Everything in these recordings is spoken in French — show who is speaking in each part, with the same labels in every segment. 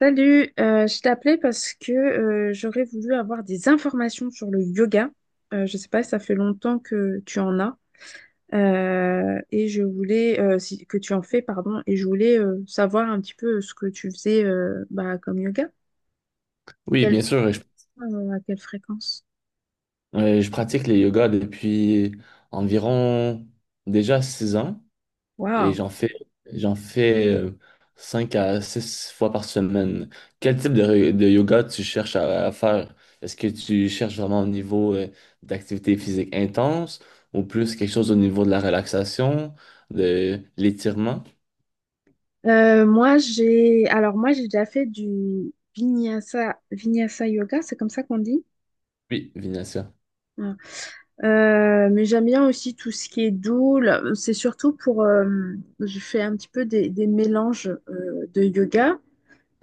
Speaker 1: Je t'appelais parce que j'aurais voulu avoir des informations sur le yoga. Je sais pas, ça fait longtemps que tu en as et je voulais que tu en fais, pardon, et je voulais savoir un petit peu ce que tu faisais comme yoga.
Speaker 2: Oui,
Speaker 1: Quel
Speaker 2: bien sûr.
Speaker 1: À quelle fréquence?
Speaker 2: Je pratique le yoga depuis environ déjà 6 ans et
Speaker 1: Waouh.
Speaker 2: j'en fais 5 à 6 fois par semaine. Quel type de yoga tu cherches à faire? Est-ce que tu cherches vraiment au niveau d'activité physique intense ou plus quelque chose au niveau de la relaxation, de l'étirement?
Speaker 1: Moi j'ai déjà fait du vinyasa yoga, c'est comme ça qu'on dit.
Speaker 2: Oui, Vinacia.
Speaker 1: Euh, mais j'aime bien aussi tout ce qui est doux là. C'est surtout pour je fais un petit peu des mélanges de yoga.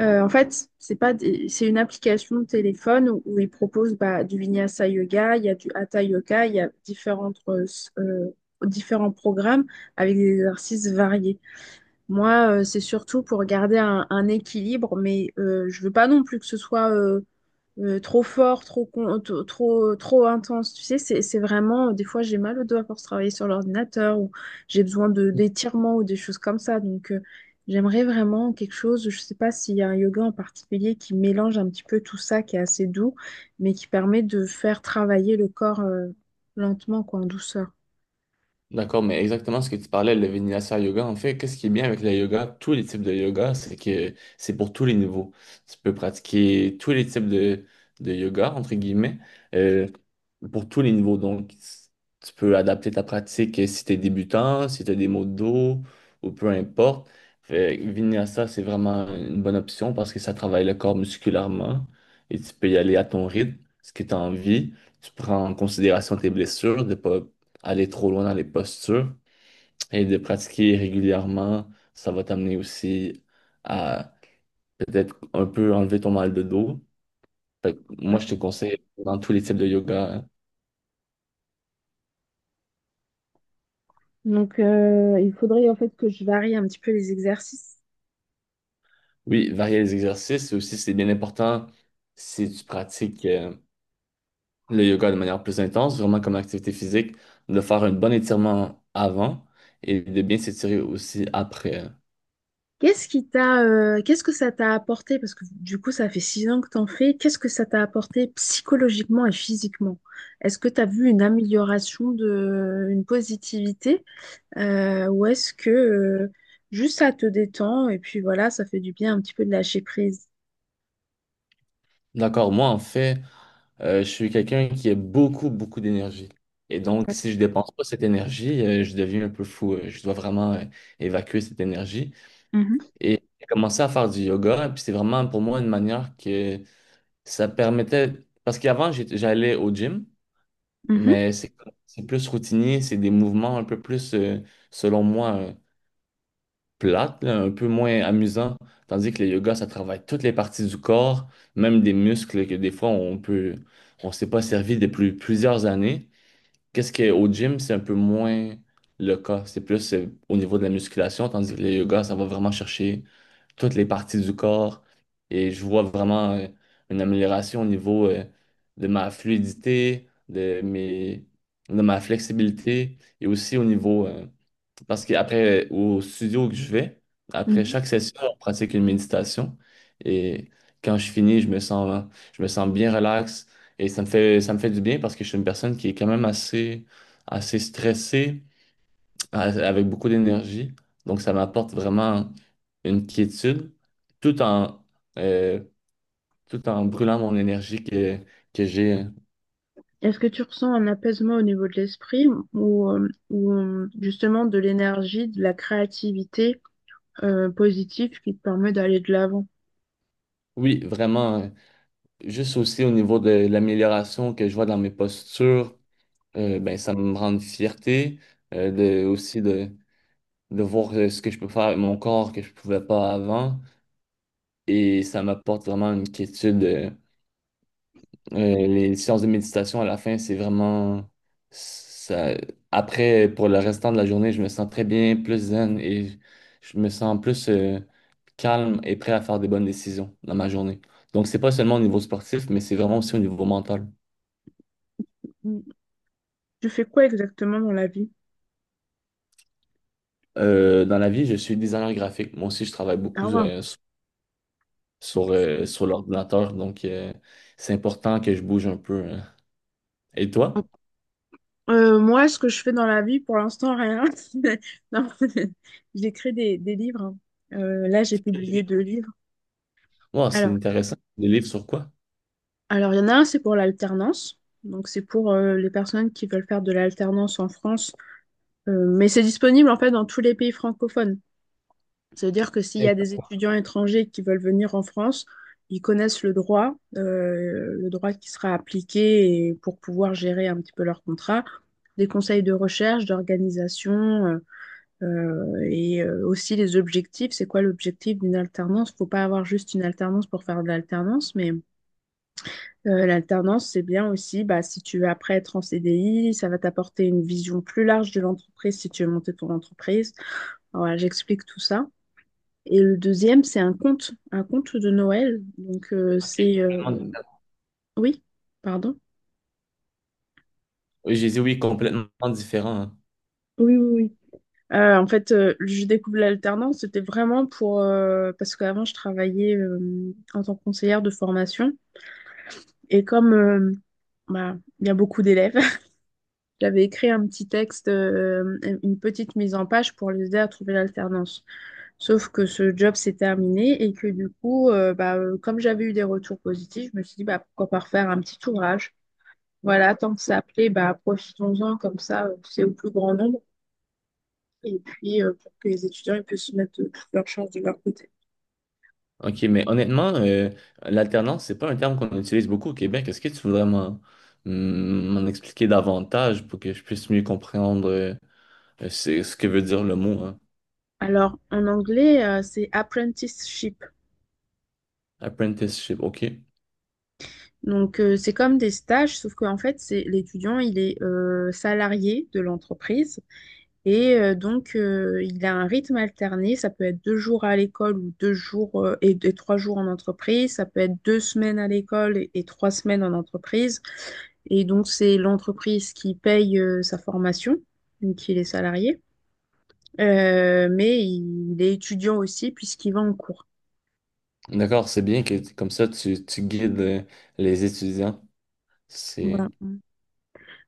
Speaker 1: En fait, c'est pas des- c'est une application de téléphone où ils proposent bah, du Vinyasa Yoga, il y a du Hatha Yoga, il y a différents programmes avec des exercices variés. Moi, c'est surtout pour garder un équilibre, mais je veux pas non plus que ce soit trop fort, trop, con- to- trop, trop intense. Tu sais, c'est vraiment, des fois, j'ai mal au doigt pour travailler sur l'ordinateur ou j'ai besoin d'étirements ou des choses comme ça. Donc, j'aimerais vraiment quelque chose, je sais pas s'il y a un yoga en particulier qui mélange un petit peu tout ça, qui est assez doux, mais qui permet de faire travailler le corps, lentement, quoi, en douceur.
Speaker 2: D'accord, mais exactement ce que tu parlais, le Vinyasa Yoga, en fait, qu'est-ce qui est bien avec le yoga, tous les types de yoga, c'est que c'est pour tous les niveaux. Tu peux pratiquer tous les types de yoga, entre guillemets, euh, pour tous les niveaux. Donc, tu peux adapter ta pratique si tu es débutant, si tu as des maux de dos, ou peu importe. Fait que Vinyasa, c'est vraiment une bonne option parce que ça travaille le corps musculairement et tu peux y aller à ton rythme, ce que tu as envie. Tu prends en considération tes blessures, de ne pas aller trop loin dans les postures et de pratiquer régulièrement, ça va t'amener aussi à peut-être un peu enlever ton mal de dos. Fait que moi,
Speaker 1: Ouais.
Speaker 2: je te conseille dans tous les types de yoga, hein.
Speaker 1: Donc, il faudrait en fait que je varie un petit peu les exercices.
Speaker 2: Oui, varier les exercices et aussi, c'est bien important si tu pratiques le yoga de manière plus intense, vraiment comme activité physique, de faire un bon étirement avant et de bien s'étirer aussi après.
Speaker 1: Qu'est-ce que ça t'a apporté? Parce que du coup, ça fait six ans que t'en fais. Qu'est-ce que ça t'a apporté psychologiquement et physiquement? Est-ce que t'as vu une amélioration de, une positivité? Ou est-ce que juste ça te détend et puis voilà, ça fait du bien un petit peu de lâcher prise?
Speaker 2: D'accord, moi, en fait. Je suis quelqu'un qui a beaucoup, beaucoup d'énergie. Et donc, si
Speaker 1: D'accord.
Speaker 2: je dépense pas cette énergie, je deviens un peu fou. Je dois vraiment évacuer cette énergie.
Speaker 1: Mhm,
Speaker 2: Et j'ai commencé à faire du yoga. Puis c'est vraiment pour moi une manière que ça permettait... Parce qu'avant, j'allais au gym,
Speaker 1: mhm,
Speaker 2: mais c'est plus routinier. C'est des mouvements un peu plus, selon moi, plates, là, un peu moins amusants. Tandis que le yoga, ça travaille toutes les parties du corps, même des muscles que des fois, on peut... On s'est pas servi depuis plusieurs années. Qu'est-ce que au gym, c'est un peu moins le cas. C'est plus au niveau de la musculation, tandis que le yoga, ça va vraiment chercher toutes les parties du corps. Et je vois vraiment une amélioration au niveau de ma fluidité, de ma flexibilité et aussi au niveau parce qu'après, au studio que je vais, après
Speaker 1: mhm.
Speaker 2: chaque session, on pratique une méditation. Et quand je finis, je me sens bien relax. Et ça me fait du bien parce que je suis une personne qui est quand même assez, assez stressée, a- avec beaucoup d'énergie. Donc, ça m'apporte vraiment une quiétude tout en, euh, tout en brûlant mon énergie que j'ai.
Speaker 1: Est-ce que tu ressens un apaisement au niveau de l'esprit ou justement de l'énergie, de la créativité positive qui te permet d'aller de l'avant?
Speaker 2: Oui, vraiment, juste aussi au niveau de l'amélioration que je vois dans mes postures. Ben, ça me rend une fierté euh, de, aussi de, de voir ce que je peux faire avec mon corps que je pouvais pas avant. Et ça m'apporte vraiment une quiétude. Euh, les séances de méditation à la fin, c'est vraiment... Ça... Après, pour le restant de la journée, je me sens très bien, plus zen et je me sens plus calme et prêt à faire des bonnes décisions dans ma journée. Donc, c'est pas seulement au niveau sportif, mais c'est vraiment aussi au niveau mental.
Speaker 1: Tu fais quoi exactement dans la vie?
Speaker 2: Dans la vie, je suis designer graphique. Moi aussi, je travaille
Speaker 1: Ah
Speaker 2: beaucoup
Speaker 1: ouais.
Speaker 2: sur l'ordinateur. Donc, c'est important que je bouge un peu, hein. Et toi?
Speaker 1: Moi, ce que je fais dans la vie, pour l'instant, rien. Non, j'écris des livres, hein. Là, j'ai publié deux livres.
Speaker 2: Wow, c'est
Speaker 1: Alors,
Speaker 2: intéressant. Des livres sur quoi?
Speaker 1: alors, il y en a un, c'est pour l'alternance. Donc, c'est pour les personnes qui veulent faire de l'alternance en France. Mais c'est disponible, en fait, dans tous les pays francophones. Ça veut dire que s'il y a des étudiants étrangers qui veulent venir en France, ils connaissent le droit qui sera appliqué, et pour pouvoir gérer un petit peu leur contrat, des conseils de recherche, d'organisation et aussi les objectifs. C'est quoi l'objectif d'une alternance? Faut pas avoir juste une alternance pour faire de l'alternance, mais l'alternance, c'est bien aussi, bah, si tu veux après être en CDI, ça va t'apporter une vision plus large de l'entreprise si tu veux monter ton entreprise. Alors, voilà, j'explique tout ça. Et le deuxième, c'est un conte de Noël.
Speaker 2: Ok, complètement différent.
Speaker 1: Oui, pardon.
Speaker 2: Oui, j'ai dit oui, complètement différent, hein.
Speaker 1: Oui, oui, oui. En fait, je découvre l'alternance, c'était vraiment pour... parce qu'avant, je travaillais en tant que conseillère de formation. Et comme il y a beaucoup d'élèves, j'avais écrit un petit texte, une petite mise en page pour les aider à trouver l'alternance. Sauf que ce job s'est terminé et que du coup, comme j'avais eu des retours positifs, je me suis dit, bah, pourquoi pas refaire un petit ouvrage. Voilà, tant que ça plaît, bah, profitons-en, comme ça, c'est au plus grand nombre. Et puis, pour que les étudiants ils puissent mettre toutes leurs chances de leur côté.
Speaker 2: OK, mais honnêtement, l'alternance, c'est pas un terme qu'on utilise beaucoup au Québec. Est-ce que tu voudrais m'en expliquer davantage pour que je puisse mieux comprendre ce que veut dire le mot, hein?
Speaker 1: Alors, en anglais, c'est apprenticeship.
Speaker 2: Apprenticeship, OK.
Speaker 1: Donc, c'est comme des stages, sauf qu'en fait, c'est l'étudiant, il est salarié de l'entreprise. Et donc, il a un rythme alterné. Ça peut être deux jours à l'école ou deux jours et et trois jours en entreprise. Ça peut être deux semaines à l'école et trois semaines en entreprise. Et donc, c'est l'entreprise qui paye sa formation, donc il est salarié. Mais il est étudiant aussi puisqu'il va en cours.
Speaker 2: D'accord, c'est bien que comme ça, tu guides les étudiants.
Speaker 1: Voilà.
Speaker 2: C'est...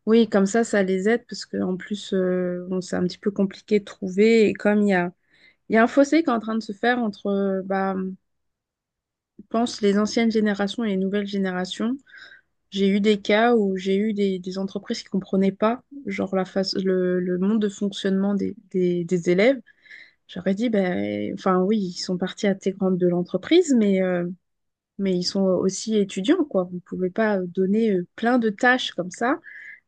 Speaker 1: Oui, comme ça les aide parce qu'en plus, bon, c'est un petit peu compliqué de trouver. Et comme il y a un fossé qui est en train de se faire entre pense les anciennes générations et les nouvelles générations, j'ai eu des cas où j'ai eu des entreprises qui comprenaient pas genre la face, le monde de fonctionnement des élèves. J'aurais dit, ben, enfin oui, ils sont partis à intégrante de l'entreprise, mais ils sont aussi étudiants, quoi. Vous ne pouvez pas donner plein de tâches comme ça,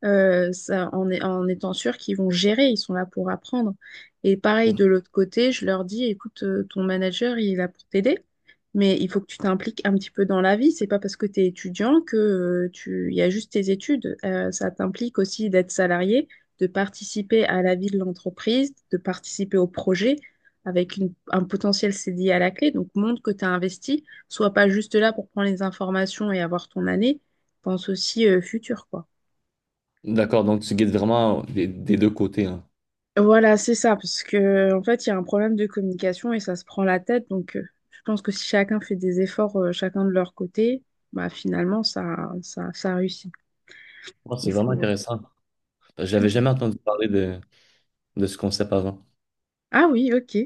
Speaker 1: en étant sûr qu'ils vont gérer, ils sont là pour apprendre. Et pareil, de l'autre côté, je leur dis, écoute, ton manager, il est là pour t'aider, mais il faut que tu t'impliques un petit peu dans la vie. C'est pas parce que tu es étudiant que il y a juste tes études. Ça t'implique aussi d'être salarié, de participer à la vie de l'entreprise, de participer au projet avec un potentiel CDI à la clé. Donc, montre que tu as investi. Sois pas juste là pour prendre les informations et avoir ton année. Pense aussi futur, quoi.
Speaker 2: D'accord, donc tu guides vraiment des deux côtés, hein.
Speaker 1: Voilà, c'est ça, parce que en fait, il y a un problème de communication et ça se prend la tête. Donc, je pense que si chacun fait des efforts, chacun de leur côté, bah finalement, ça réussit.
Speaker 2: Oh, c'est
Speaker 1: Il
Speaker 2: vraiment
Speaker 1: faut.
Speaker 2: intéressant. J'avais
Speaker 1: Ouais.
Speaker 2: jamais entendu parler de ce concept avant.
Speaker 1: Ah oui, ok.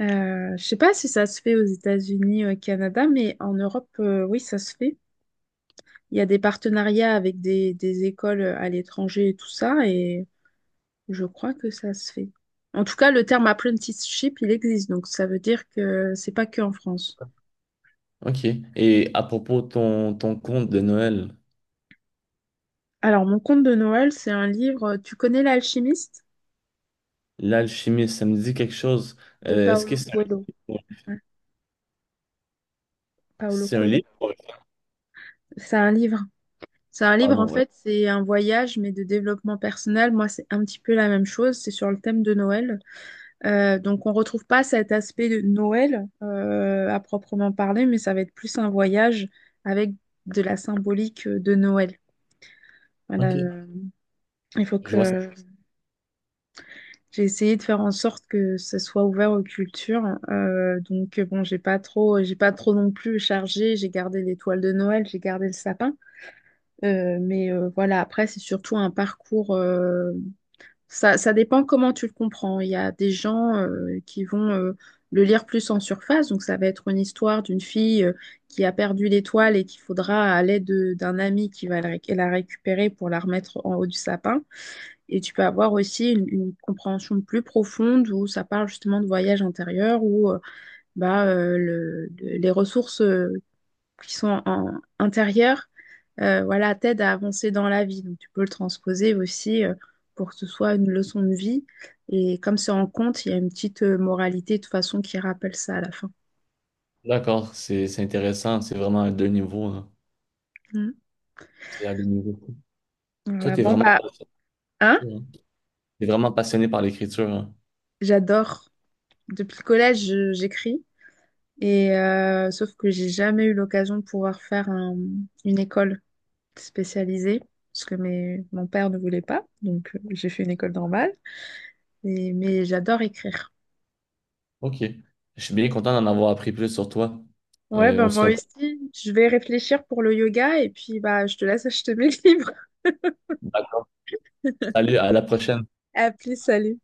Speaker 1: Je sais pas si ça se fait aux États-Unis, au Canada, mais en Europe, oui, ça se fait. Il y a des partenariats avec des écoles à l'étranger et tout ça, et je crois que ça se fait. En tout cas, le terme apprenticeship, il existe, donc ça veut dire que c'est pas que en France.
Speaker 2: OK. Et à propos de ton conte de Noël,
Speaker 1: Alors, mon conte de Noël, c'est un livre, tu connais L'Alchimiste
Speaker 2: L'Alchimiste, ça me dit quelque chose.
Speaker 1: de
Speaker 2: Est-ce que
Speaker 1: Paolo
Speaker 2: c'est un,
Speaker 1: Coelho. Hein, Paolo
Speaker 2: C'est un
Speaker 1: Coelho?
Speaker 2: livre?
Speaker 1: C'est un livre. C'est un
Speaker 2: Ah
Speaker 1: livre, en
Speaker 2: non, ouais.
Speaker 1: fait, c'est un voyage, mais de développement personnel. Moi, c'est un petit peu la même chose. C'est sur le thème de Noël. Donc, on retrouve pas cet aspect de Noël à proprement parler, mais ça va être plus un voyage avec de la symbolique de Noël. Voilà.
Speaker 2: OK.
Speaker 1: euh, Il faut
Speaker 2: Je vois ça.
Speaker 1: que j'ai essayé de faire en sorte que ce soit ouvert aux cultures. Donc bon, j'ai pas trop non plus chargé. J'ai gardé l'étoile de Noël, j'ai gardé le sapin. Mais voilà, après c'est surtout un parcours. Ça ça dépend comment tu le comprends. Il y a des gens qui vont le lire plus en surface. Donc ça va être une histoire d'une fille qui a perdu l'étoile et qu'il faudra à l'aide d'un ami qui va la récupérer pour la remettre en haut du sapin. Et tu peux avoir aussi une compréhension plus profonde où ça parle justement de voyage intérieur, où les ressources qui sont intérieures voilà, t'aident à avancer dans la vie. Donc tu peux le transposer aussi pour que ce soit une leçon de vie. Et comme c'est en compte, il y a une petite moralité de toute façon qui rappelle ça à la fin.
Speaker 2: D'accord, c'est intéressant. C'est vraiment à deux niveaux, hein.
Speaker 1: Mm.
Speaker 2: C'est à deux niveaux. Toi,
Speaker 1: Voilà,
Speaker 2: t'es
Speaker 1: bon
Speaker 2: vraiment,
Speaker 1: bah, hein,
Speaker 2: passionné, hein. T'es vraiment passionné par l'écriture, hein.
Speaker 1: j'adore. Depuis le collège, j'écris. Et sauf que j'ai jamais eu l'occasion de pouvoir faire une école spécialisée parce que mon père ne voulait pas, donc j'ai fait une école normale. Mais j'adore écrire.
Speaker 2: OK. Je suis bien content d'en avoir appris plus sur toi.
Speaker 1: Ouais, ben
Speaker 2: On se
Speaker 1: moi
Speaker 2: reprend.
Speaker 1: aussi, je vais réfléchir pour le yoga et puis bah je te laisse acheter mes livres.
Speaker 2: Salut, à la prochaine.
Speaker 1: À plus, salut.